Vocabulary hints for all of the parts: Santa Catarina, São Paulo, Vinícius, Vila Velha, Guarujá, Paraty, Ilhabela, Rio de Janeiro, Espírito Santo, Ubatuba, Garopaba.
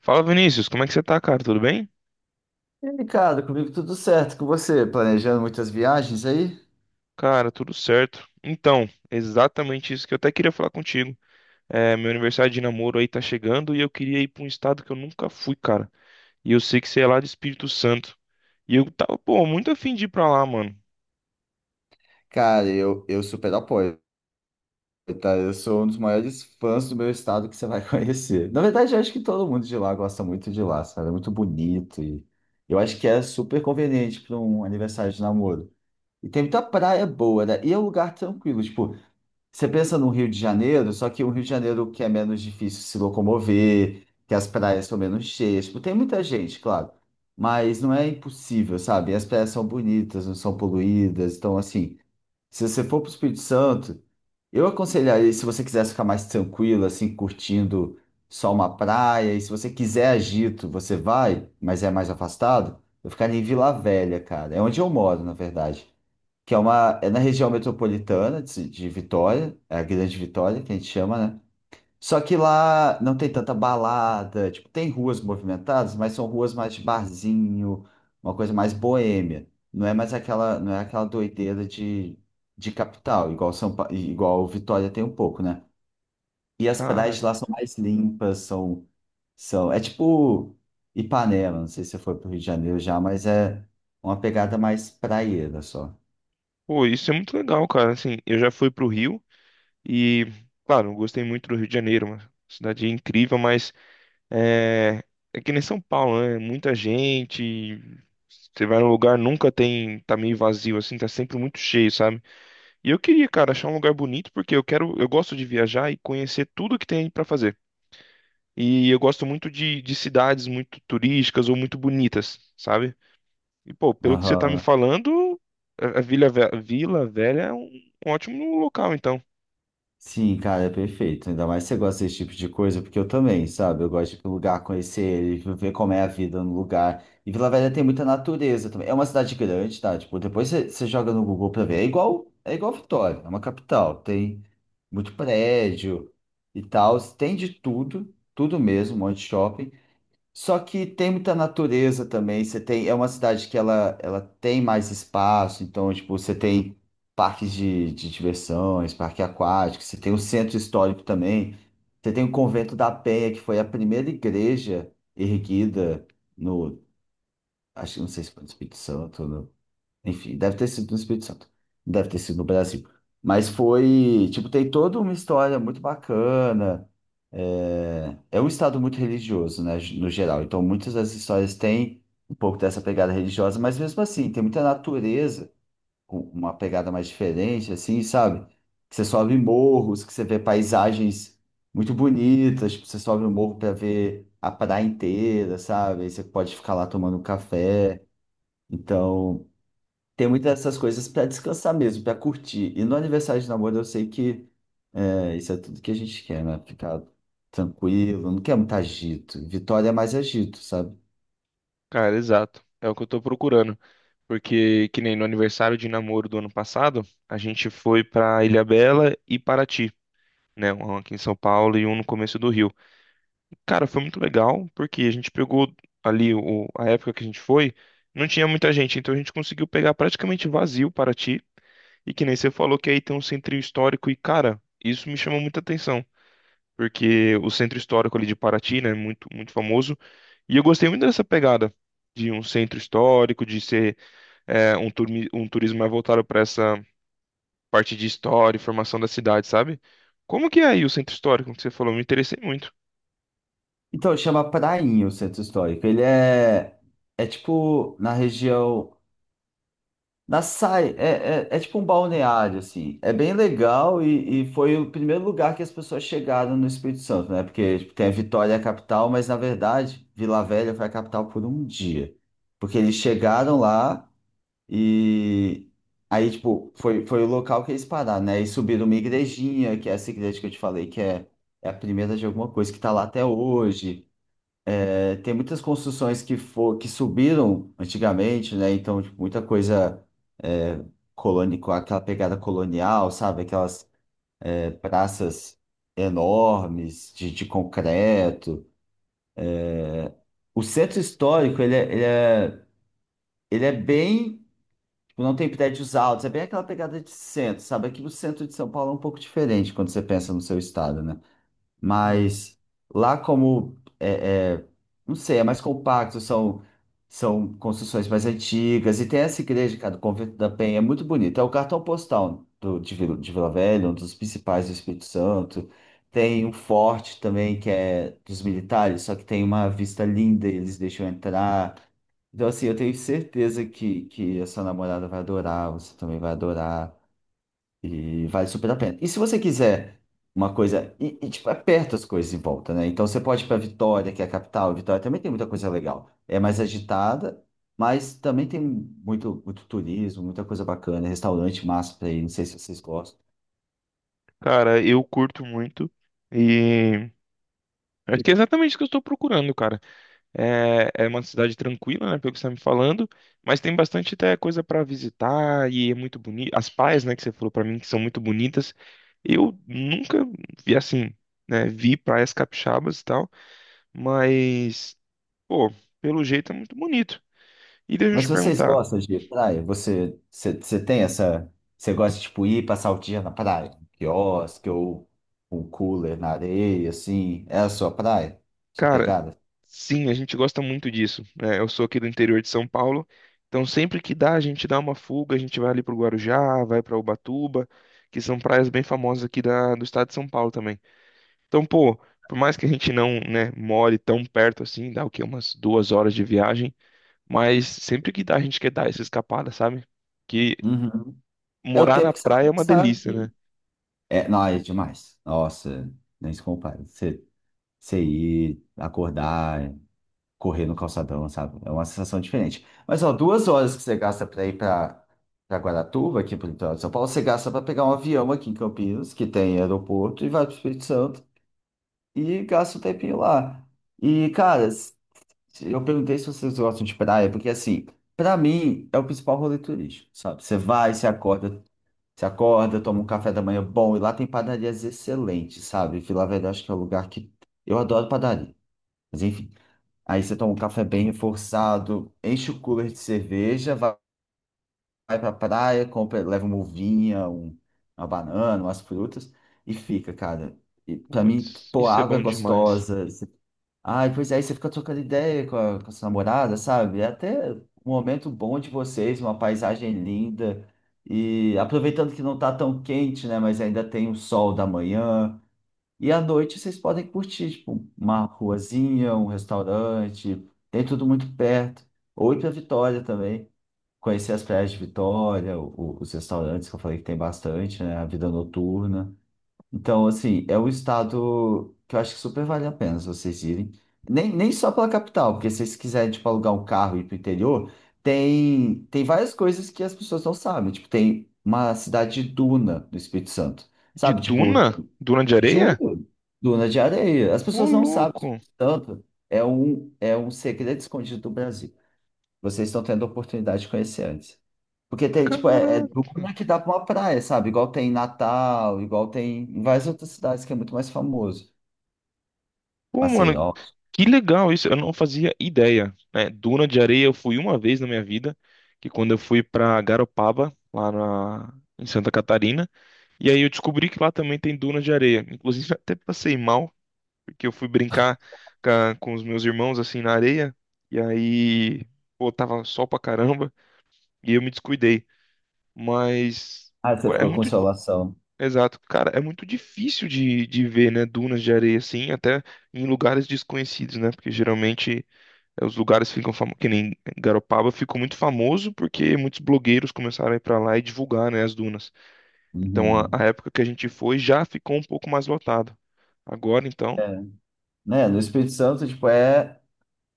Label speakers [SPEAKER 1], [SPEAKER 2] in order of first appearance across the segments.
[SPEAKER 1] Fala Vinícius, como é que você tá, cara? Tudo bem?
[SPEAKER 2] E, aí, Ricardo, comigo tudo certo, com você, planejando muitas viagens aí?
[SPEAKER 1] Cara, tudo certo. Então, exatamente isso que eu até queria falar contigo. É, meu aniversário de namoro aí tá chegando e eu queria ir pra um estado que eu nunca fui, cara. E eu sei que você é lá de Espírito Santo. E eu tava, pô, muito afim de ir pra lá, mano.
[SPEAKER 2] Cara, eu super apoio, tá? Eu sou um dos maiores fãs do meu estado que você vai conhecer. Na verdade, eu acho que todo mundo de lá gosta muito de lá, sabe? É muito bonito e eu acho que é super conveniente para um aniversário de namoro. E tem muita praia boa, né? E é um lugar tranquilo, tipo, você pensa no Rio de Janeiro, só que o Rio de Janeiro que é menos difícil se locomover, que as praias são menos cheias. Tipo, tem muita gente, claro, mas não é impossível, sabe? E as praias são bonitas, não são poluídas. Então, assim, se você for para o Espírito Santo, eu aconselharia, se você quiser ficar mais tranquilo, assim, curtindo só uma praia, e se você quiser agito, você vai, mas é mais afastado, eu ficaria em Vila Velha, cara. É onde eu moro, na verdade, que é uma é na região metropolitana de Vitória, é a Grande Vitória que a gente chama, né? Só que lá não tem tanta balada, tipo, tem ruas movimentadas, mas são ruas mais de barzinho, uma coisa mais boêmia. Não é mais aquela, não é aquela doideira de capital, igual São Pa- igual Vitória tem um pouco, né? E as praias
[SPEAKER 1] Cara,
[SPEAKER 2] de lá são mais limpas, são são tipo Ipanema, não sei se você foi para o Rio de Janeiro já, mas é uma pegada mais praieira só.
[SPEAKER 1] pô, isso é muito legal, cara. Assim, eu já fui pro Rio e, claro, eu gostei muito do Rio de Janeiro, uma cidade incrível, mas É, é que nem São Paulo, né? Muita gente. Você vai num lugar, nunca tem. Tá meio vazio, assim, tá sempre muito cheio, sabe? E eu queria, cara, achar um lugar bonito, porque eu quero. Eu gosto de viajar e conhecer tudo que tem pra fazer. E eu gosto muito de cidades muito turísticas ou muito bonitas, sabe? E, pô, pelo que você tá me
[SPEAKER 2] Aham.
[SPEAKER 1] falando, a Vila Velha é um, um ótimo local, então.
[SPEAKER 2] Sim, cara, é perfeito. Ainda mais se você gosta desse tipo de coisa, porque eu também, sabe? Eu gosto de ir pro lugar, conhecer ele, ver como é a vida no lugar. E Vila Velha tem muita natureza também. É uma cidade grande, tá? Tipo, depois você joga no Google pra ver. É igual Vitória, é uma capital. Tem muito prédio e tal. Tem de tudo, tudo mesmo, um monte de shopping. Só que tem muita natureza também. Você tem, é uma cidade que ela tem mais espaço, então, tipo, você tem parques de diversões, parque aquático, você tem o centro histórico também. Você tem o Convento da Penha, que foi a primeira igreja erguida no, acho que não sei se foi no Espírito Santo, enfim, deve ter sido no Espírito Santo. Deve ter sido no Brasil. Mas foi, tipo, tem toda uma história muito bacana. É, é um estado muito religioso, né, no geral. Então, muitas das histórias têm um pouco dessa pegada religiosa, mas mesmo assim, tem muita natureza, com uma pegada mais diferente, assim, sabe? Que você sobe morros, que você vê paisagens muito bonitas, tipo, você sobe o morro para ver a praia inteira, sabe? Aí você pode ficar lá tomando um café. Então tem muitas dessas coisas para descansar mesmo, para curtir. E no aniversário de namoro eu sei que é, isso é tudo que a gente quer, né? Ficar tranquilo, não quer muito agito. Vitória é mais agito, sabe?
[SPEAKER 1] Cara, exato. É o que eu tô procurando. Porque, que nem no aniversário de namoro do ano passado, a gente foi pra Ilhabela e Paraty, né? Um aqui em São Paulo e um no começo do Rio. Cara, foi muito legal, porque a gente pegou ali a época que a gente foi, não tinha muita gente, então a gente conseguiu pegar praticamente vazio Paraty. E que nem você falou que aí tem um centrinho histórico e, cara, isso me chamou muita atenção porque o centro histórico ali de Paraty, né, é muito, muito famoso. E eu gostei muito dessa pegada de um centro histórico, de ser um turismo mais voltado para essa parte de história e formação da cidade, sabe? Como que é aí o centro histórico que você falou? Me interessei muito.
[SPEAKER 2] Então chama Prainha o centro histórico. Ele é, é tipo na região. Na Sai, é tipo um balneário, assim. É bem legal e foi o primeiro lugar que as pessoas chegaram no Espírito Santo, né? Porque tipo, tem a Vitória, a capital, mas na verdade, Vila Velha foi a capital por um dia. Porque eles chegaram lá e aí, tipo, foi o local que eles pararam, né? E subiram uma igrejinha, que é essa igreja que eu te falei, que é, é a primeira de alguma coisa que tá lá até hoje. É, tem muitas construções que, for, que subiram antigamente, né? Então, tipo, muita coisa é, coloni- com aquela pegada colonial, sabe? Aquelas é, praças enormes de concreto. O centro histórico, ele é bem. Tipo, não tem prédios altos, é bem aquela pegada de centro, sabe? Aqui no centro de São Paulo é um pouco diferente quando você pensa no seu estado, né?
[SPEAKER 1] Hum.
[SPEAKER 2] Mas lá como é, é, não sei, é mais compacto, são, são construções mais antigas, e tem essa igreja, cara, do Convento da Penha, é muito bonito. É o cartão postal do, de Vila Velha, um dos principais do Espírito Santo. Tem um forte também, que é dos militares, só que tem uma vista linda, e eles deixam entrar. Então, assim, eu tenho certeza que a sua namorada vai adorar, você também vai adorar. E vale super a pena. E se você quiser uma coisa. E tipo, é perto as coisas em volta, né? Então você pode ir para Vitória, que é a capital. Vitória também tem muita coisa legal. É mais agitada, mas também tem muito, muito turismo, muita coisa bacana, restaurante massa para ir. Não sei se vocês gostam.
[SPEAKER 1] Cara, eu curto muito e acho que é exatamente o que eu estou procurando, cara. É uma cidade tranquila, né, pelo que você está me falando, mas tem bastante até coisa para visitar e é muito bonito. As praias, né, que você falou para mim que são muito bonitas. Eu nunca vi assim, né, vi praias capixabas e tal, mas pô, pelo jeito é muito bonito. E deixa eu
[SPEAKER 2] Mas
[SPEAKER 1] te
[SPEAKER 2] se vocês
[SPEAKER 1] perguntar,
[SPEAKER 2] gostam de praia, você tem essa. Você gosta de tipo, ir passar o dia na praia? Um quiosque ou um cooler na areia, assim? É a sua praia? Sua
[SPEAKER 1] cara,
[SPEAKER 2] pegada?
[SPEAKER 1] sim, a gente gosta muito disso, né? Eu sou aqui do interior de São Paulo, então sempre que dá, a gente dá uma fuga, a gente vai ali pro Guarujá, vai para Ubatuba, que são praias bem famosas aqui do estado de São Paulo também. Então, pô, por mais que a gente não, né, more tão perto assim, dá o quê? Umas 2 horas de viagem, mas sempre que dá, a gente quer dar essa escapada, sabe? Que
[SPEAKER 2] Uhum. É o
[SPEAKER 1] morar na
[SPEAKER 2] tempo que você
[SPEAKER 1] praia é
[SPEAKER 2] vai
[SPEAKER 1] uma
[SPEAKER 2] gastar.
[SPEAKER 1] delícia, né?
[SPEAKER 2] É, não, é demais. Nossa, nem se compara. Você, você ir, acordar, correr no calçadão, sabe? É uma sensação diferente. Mas, ó, 2 horas que você gasta pra ir pra, pra Guaratuba, aqui pro litoral de São Paulo, você gasta pra pegar um avião aqui em Campinas, que tem aeroporto, e vai pro Espírito Santo, e gasta um tempinho lá. E, cara, eu perguntei se vocês gostam de praia, porque, assim, pra mim, é o principal rolê turístico, sabe? Você vai, você acorda, toma um café da manhã bom, e lá tem padarias excelentes, sabe? Vila Velha, eu acho que é o lugar que. Eu adoro padaria. Mas enfim. Aí você toma um café bem reforçado, enche o cooler de cerveja, vai, vai pra praia, compra, leva uma uvinha, uma banana, umas frutas, e fica, cara. E pra mim,
[SPEAKER 1] Putz,
[SPEAKER 2] pô, a
[SPEAKER 1] isso é
[SPEAKER 2] água é
[SPEAKER 1] bom demais.
[SPEAKER 2] gostosa. Ai, pois é, aí você fica trocando ideia com a sua namorada, sabe? É até um momento bom de vocês, uma paisagem linda. E aproveitando que não tá tão quente, né? Mas ainda tem o sol da manhã. E à noite vocês podem curtir, tipo, uma ruazinha, um restaurante. Tem tudo muito perto. Ou ir pra Vitória também. Conhecer as praias de Vitória, os restaurantes que eu falei que tem bastante, né? A vida noturna. Então, assim, é um estado que eu acho que super vale a pena se vocês irem. Nem só pela capital, porque se vocês quiserem, tipo, alugar um carro e ir pro interior, tem várias coisas que as pessoas não sabem. Tipo, tem uma cidade de duna no Espírito Santo,
[SPEAKER 1] De
[SPEAKER 2] sabe? Tipo,
[SPEAKER 1] duna? Duna de areia?
[SPEAKER 2] juro, duna de areia. As
[SPEAKER 1] Ô,
[SPEAKER 2] pessoas não sabem, o
[SPEAKER 1] louco!
[SPEAKER 2] Espírito Santo é um segredo escondido do Brasil. Vocês estão tendo a oportunidade de conhecer antes. Porque tem, tipo, é
[SPEAKER 1] Caraca!
[SPEAKER 2] duna que dá pra uma praia, sabe? Igual tem em Natal, igual tem em várias outras cidades que é muito mais famoso.
[SPEAKER 1] Pô, mano,
[SPEAKER 2] Maceió.
[SPEAKER 1] que legal isso, eu não fazia ideia, né? Duna de areia eu fui uma vez na minha vida, que quando eu fui pra Garopaba, lá na... em Santa Catarina, e aí eu descobri que lá também tem dunas de areia. Inclusive, até passei mal, porque eu fui brincar com os meus irmãos assim na areia. E aí, pô, tava sol pra caramba e eu me descuidei. Mas
[SPEAKER 2] Ah, você
[SPEAKER 1] pô, é
[SPEAKER 2] ficou com
[SPEAKER 1] muito.
[SPEAKER 2] Consolação.
[SPEAKER 1] Exato, cara, é muito difícil de ver, né, dunas de areia assim, até em lugares desconhecidos, né? Porque geralmente os lugares ficam famosos, que nem Garopaba ficou muito famoso porque muitos blogueiros começaram a ir pra lá e divulgar, né, as dunas. Então,
[SPEAKER 2] Uhum.
[SPEAKER 1] a época que a gente foi já ficou um pouco mais lotado. Agora, então,
[SPEAKER 2] É. Né? No Espírito Santo, tipo, é...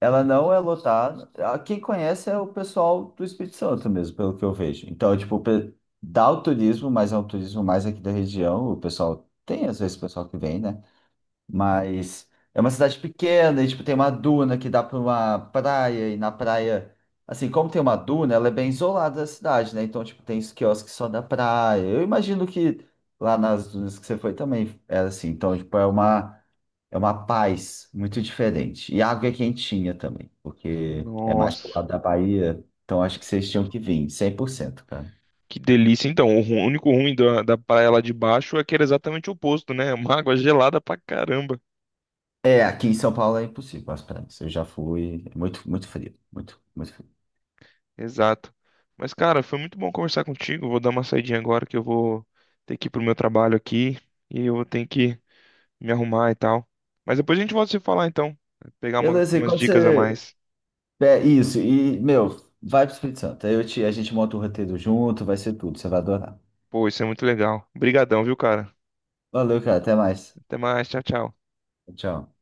[SPEAKER 2] Ela não é lotada. Ah, quem conhece é o pessoal do Espírito Santo mesmo, pelo que eu vejo. Então, tipo, pe- dá o turismo, mas é um turismo mais aqui da região. O pessoal... Tem, às vezes, o pessoal que vem, né? Mas é uma cidade pequena e, tipo, tem uma duna que dá para uma praia. E na praia, assim, como tem uma duna, ela é bem isolada da cidade, né? Então, tipo, tem os quiosques só da praia. Eu imagino que lá nas dunas que você foi também era assim. Então, tipo, é uma paz muito diferente. E a água é quentinha também, porque é mais pro
[SPEAKER 1] nossa,
[SPEAKER 2] lado da Bahia. Então, acho que vocês tinham que vir, 100%, cara.
[SPEAKER 1] que delícia. Então, único ruim da praia lá de baixo é que era exatamente o oposto, né? Uma água gelada pra caramba.
[SPEAKER 2] É, aqui em São Paulo é impossível as praias. Eu já fui, é muito, muito frio, muito, muito frio.
[SPEAKER 1] Exato. Mas, cara, foi muito bom conversar contigo. Vou dar uma saidinha agora que eu vou ter que ir pro meu trabalho aqui e eu tenho que me arrumar e tal. Mas depois a gente volta a se falar, então. Pegar
[SPEAKER 2] Beleza, e
[SPEAKER 1] umas
[SPEAKER 2] quando
[SPEAKER 1] dicas a
[SPEAKER 2] você,
[SPEAKER 1] mais.
[SPEAKER 2] é isso, e, meu, vai pro Espírito Santo. Aí eu te, a gente monta o roteiro junto, vai ser tudo, você vai adorar.
[SPEAKER 1] Pô, isso é muito legal. Obrigadão, viu, cara?
[SPEAKER 2] Valeu, cara, até mais.
[SPEAKER 1] Até mais. Tchau, tchau.
[SPEAKER 2] Tchau.